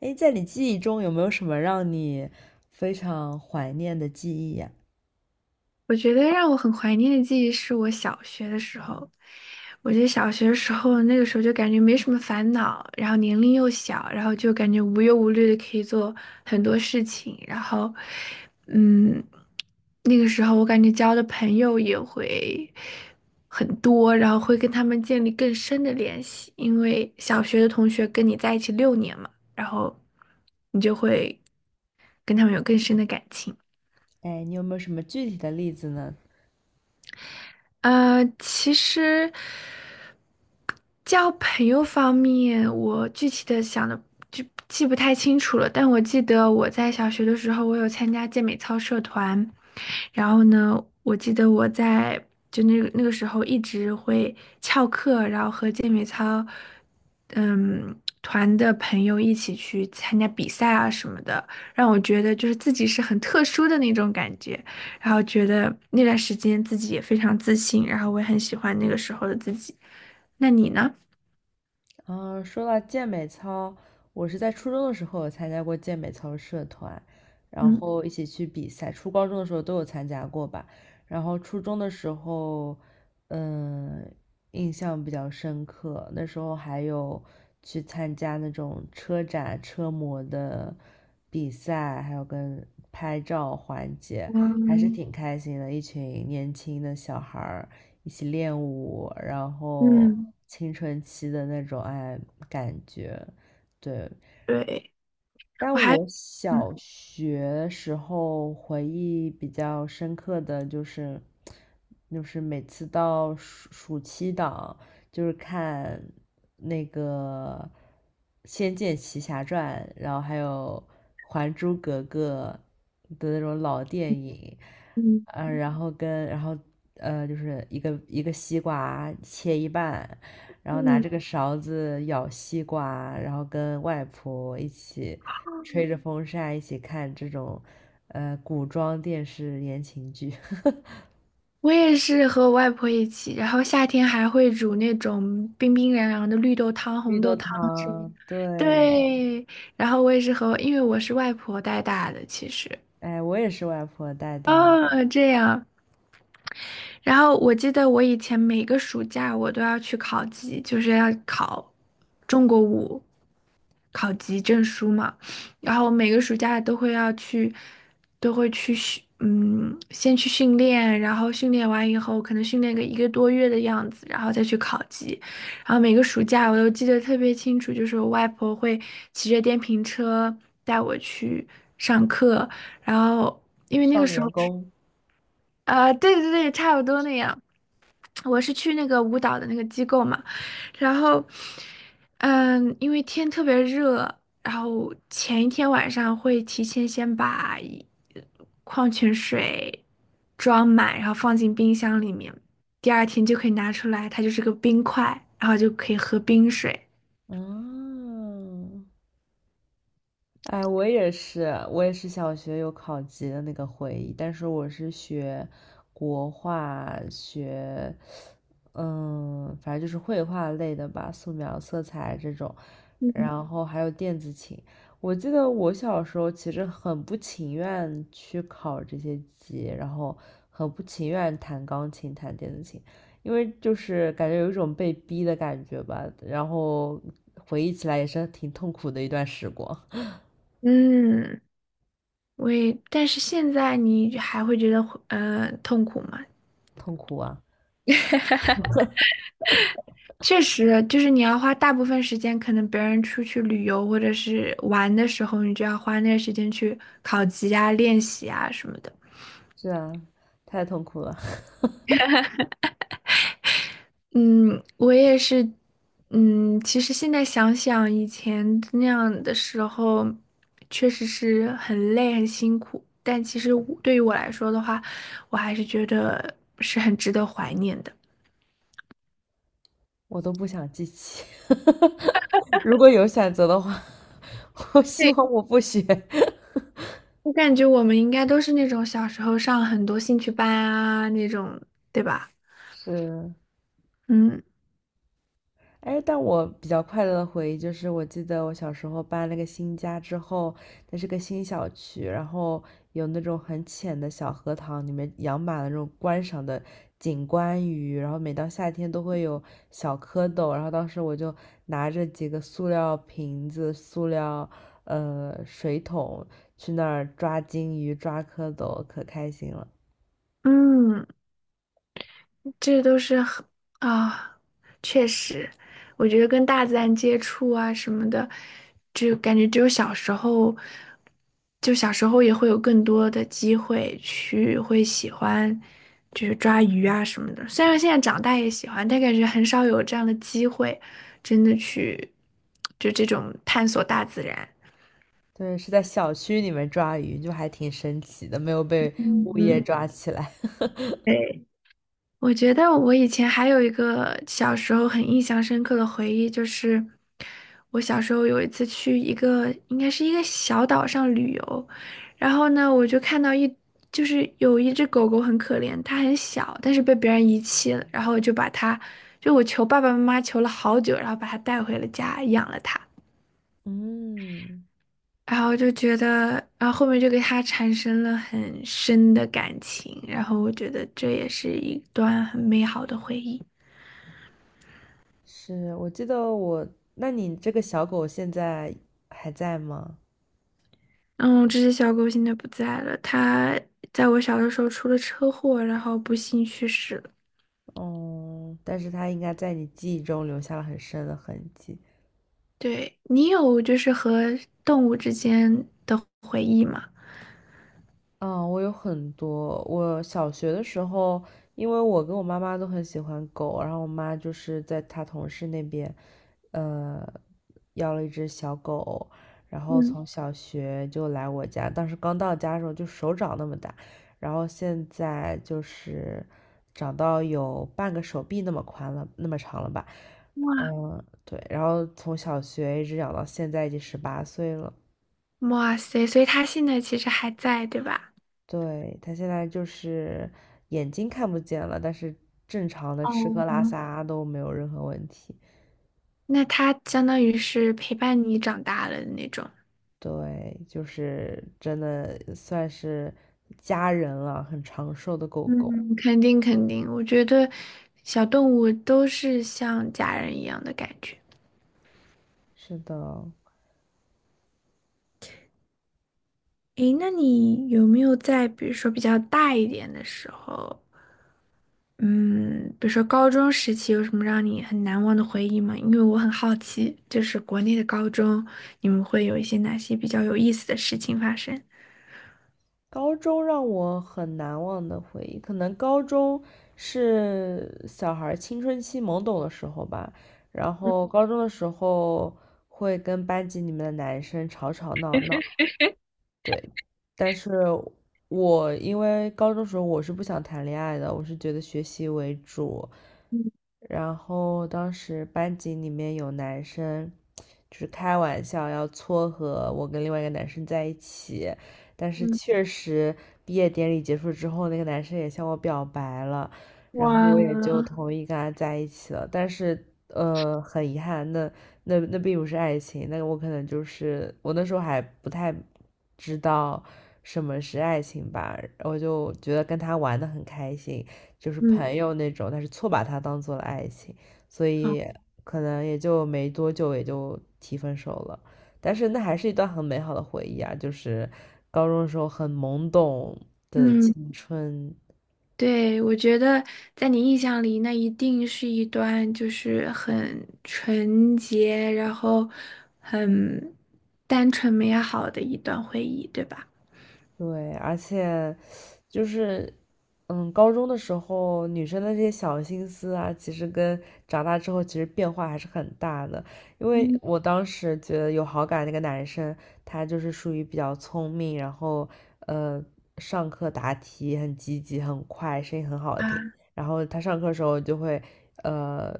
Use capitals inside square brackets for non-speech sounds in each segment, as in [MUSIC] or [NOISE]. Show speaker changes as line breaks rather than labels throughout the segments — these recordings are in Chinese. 哎，在你记忆中有没有什么让你非常怀念的记忆呀？
我觉得让我很怀念的记忆是我小学的时候。我觉得小学的时候，那个时候就感觉没什么烦恼，然后年龄又小，然后就感觉无忧无虑的可以做很多事情。然后，嗯，那个时候我感觉交的朋友也会很多，然后会跟他们建立更深的联系，因为小学的同学跟你在一起六年嘛，然后你就会跟他们有更深的感情。
哎，你有没有什么具体的例子呢？
其实交朋友方面，我具体的想的就记不太清楚了，但我记得我在小学的时候，我有参加健美操社团，然后呢，我记得我在就那个时候一直会翘课，然后和健美操嗯团的朋友一起去参加比赛啊什么的，让我觉得就是自己是很特殊的那种感觉。然后觉得那段时间自己也非常自信，然后我也很喜欢那个时候的自己。那你呢？
啊，说到健美操，我是在初中的时候有参加过健美操社团，然
嗯，
后一起去比赛。初高中的时候都有参加过吧。然后初中的时候，嗯，印象比较深刻。那时候还有去参加那种车展、车模的比赛，还有跟拍照环节，还是
我
挺开心的。一群年轻的小孩儿，一起练舞，然后
嗯，
青春期的那种感觉，对，
对，
但
我还
我
嗯
小学时候回忆比较深刻的就是，每次到暑期档，就是看那个《仙剑奇侠传》，然后还有《还珠格格》的那种老电影，
嗯
然后跟然后就是一个一个西瓜切一半，然后拿
嗯，
这个勺子舀西瓜，然后跟外婆一起吹着风扇，一起看这种古装电视言情剧，[LAUGHS]
我也是和我外婆一起，然后夏天还会煮那种冰冰凉凉的绿豆汤、
绿
红
豆
豆汤什么的。
汤，对，
对，然后我也是和，因为我是外婆带大的，其实。
哎，我也是外婆带大的，
哦，这样，然后我记得我以前每个暑假我都要去考级，就是要考中国舞考级证书嘛。然后每个暑假都会要去，都会去训，嗯，先去训练，然后训练完以后，可能训练个一个多月的样子，然后再去考级。然后每个暑假我都记得特别清楚，就是我外婆会骑着电瓶车带我去上课，然后因为那个
《少
时候，
年宫》
啊、对对对，差不多那样。我是去那个舞蹈的那个机构嘛，然后，因为天特别热，然后前一天晚上会提前先把一矿泉水装满，然后放进冰箱里面，第二天就可以拿出来，它就是个冰块，然后就可以喝冰水。
嗯。哎，我也是小学有考级的那个回忆，但是我是学国画，反正就是绘画类的吧，素描、色彩这种，
嗯，
然后还有电子琴。我记得我小时候其实很不情愿去考这些级，然后很不情愿弹钢琴、弹电子琴，因为就是感觉有一种被逼的感觉吧，然后回忆起来也是挺痛苦的一段时光。
嗯，我也，但是现在你还会觉得痛苦吗？
痛苦啊！
确实，就是你要花大部分时间，可能别人出去旅游或者是玩的时候，你就要花那个时间去考级啊、练习啊什么的。
是啊，太痛苦了，[LAUGHS]
嗯，我也是，其实现在想想以前那样的时候，确实是很累、很辛苦，但其实我对于我来说的话，我还是觉得是很值得怀念的。
我都不想记起。[LAUGHS] 如果有选择的话，[LAUGHS] 我希
对，
望我不学。
我感觉我们应该都是那种小时候上很多兴趣班啊那种，对吧？
是，
嗯。
哎，但我比较快乐的回忆就是，我记得我小时候搬了个新家之后，那是个新小区，然后有那种很浅的小荷塘，里面养满了那种观赏的景观鱼，然后每到夏天都会有小蝌蚪，然后当时我就拿着几个塑料瓶子、塑料水桶去那儿抓金鱼、抓蝌蚪，可开心了。
嗯，这都是很啊，确实，我觉得跟大自然接触啊什么的，就感觉只有小时候，就小时候也会有更多的机会去会喜欢，就是抓鱼啊什么的。虽然现在长大也喜欢，但感觉很少有这样的机会，真的去就这种探索大自然。
对，是在小区里面抓鱼，就还挺神奇的，没有被物业
嗯，
抓起来。
对。我觉得我以前还有一个小时候很印象深刻的回忆，就是我小时候有一次去一个应该是一个小岛上旅游，然后呢，我就看到就是有一只狗狗很可怜，它很小，但是被别人遗弃了，然后我就把它，就我求爸爸妈妈求了好久，然后把它带回了家，养了它。
嗯，
然后就觉得，然后后面就给它产生了很深的感情，然后我觉得这也是一段很美好的回忆。
是，我记得我，那你这个小狗现在还在吗？
嗯，这只小狗现在不在了，它在我小的时候出了车祸，然后不幸去世了。
哦，但是它应该在你记忆中留下了很深的痕迹。
对，你有就是和动物之间的回忆吗？
啊，我有很多。我小学的时候，因为我跟我妈妈都很喜欢狗，然后我妈就是在她同事那边，呃，要了一只小狗，然后
嗯，
从小学就来我家。当时刚到家的时候就手掌那么大，然后现在就是长到有半个手臂那么宽了，那么长了吧？嗯，对。然后从小学一直养到现在，已经18岁了。
哇塞，所以它现在其实还在，对吧？
对，他现在就是眼睛看不见了，但是正常的吃喝拉
哦，
撒都没有任何问题。
那它相当于是陪伴你长大了的那种。
对，就是真的算是家人了，很长寿的狗狗。
嗯，肯定肯定，我觉得小动物都是像家人一样的感觉。
是的，
诶，那你有没有在比如说比较大一点的时候？嗯，比如说高中时期有什么让你很难忘的回忆吗？因为我很好奇，就是国内的高中，你们会有一些哪些比较有意思的事情发生？
高中让我很难忘的回忆，可能高中是小孩儿青春期懵懂的时候吧。然
[LAUGHS] 嗯
后高中的时候会跟班级里面的男生吵吵闹闹。对，但是我因为高中时候我是不想谈恋爱的，我是觉得学习为主。
嗯
然后当时班级里面有男生，就是开玩笑要撮合我跟另外一个男生在一起，但是
嗯，
确实毕业典礼结束之后，那个男生也向我表白了，然后我也就
哇，
同意跟他在一起了。但是很遗憾，那并不是爱情，那我可能就是我那时候还不太知道什么是爱情吧，我就觉得跟他玩的很开心，就是
嗯
朋友那种，但是错把他当做了爱情，所
好
以可能也就没多久也就提分手了。但是那还是一段很美好的回忆啊，就是高中的时候很懵懂的
嗯，
青春，
对，我觉得在你印象里，那一定是一段就是很纯洁，然后很单纯美好的一段回忆，对吧？
对，而且。就是高中的时候女生的这些小心思啊，其实跟长大之后其实变化还是很大的。因为
嗯
我当时觉得有好感那个男生，他就是属于比较聪明，然后呃，上课答题很积极、很快，声音很好听。
啊
然后他上课的时候就会呃，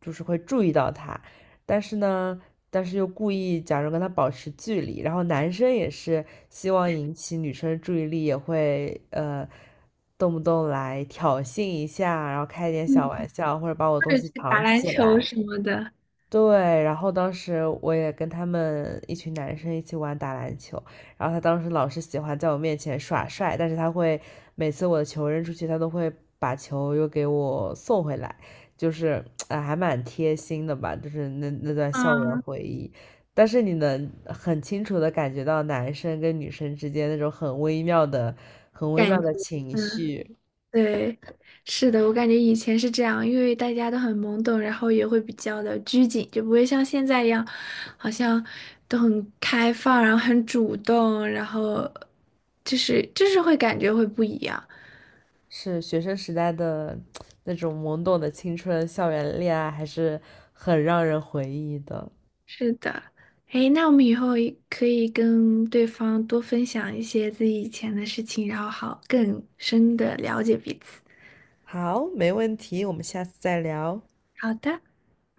就是会注意到他，但是呢，但是又故意假装跟他保持距离，然后男生也是希望引起女生的注意力，也会动不动来挑衅一下，然后开一点小
嗯，
玩笑，或者把我
或
东
者
西
去打
藏
篮
起
球
来。
什么的。
对，然后当时我也跟他们一群男生一起玩打篮球，然后他当时老是喜欢在我面前耍帅，但是他会每次我的球扔出去，他都会把球又给我送回来，就是哎，还蛮贴心的吧，就是那段校园回忆。但是你能很清楚的感觉到男生跟女生之间那种很微妙的、很微
感
妙
觉，
的情
嗯，
绪，
对，是的，我感觉以前是这样，因为大家都很懵懂，然后也会比较的拘谨，就不会像现在一样，好像都很开放，然后很主动，然后就是会感觉会不一样。
是学生时代的那种懵懂的青春，校园恋爱还是很让人回忆的。
是的，哎，那我们以后也可以跟对方多分享一些自己以前的事情，然后好更深的了解彼此。
好，没问题，我们下次再聊。
好的。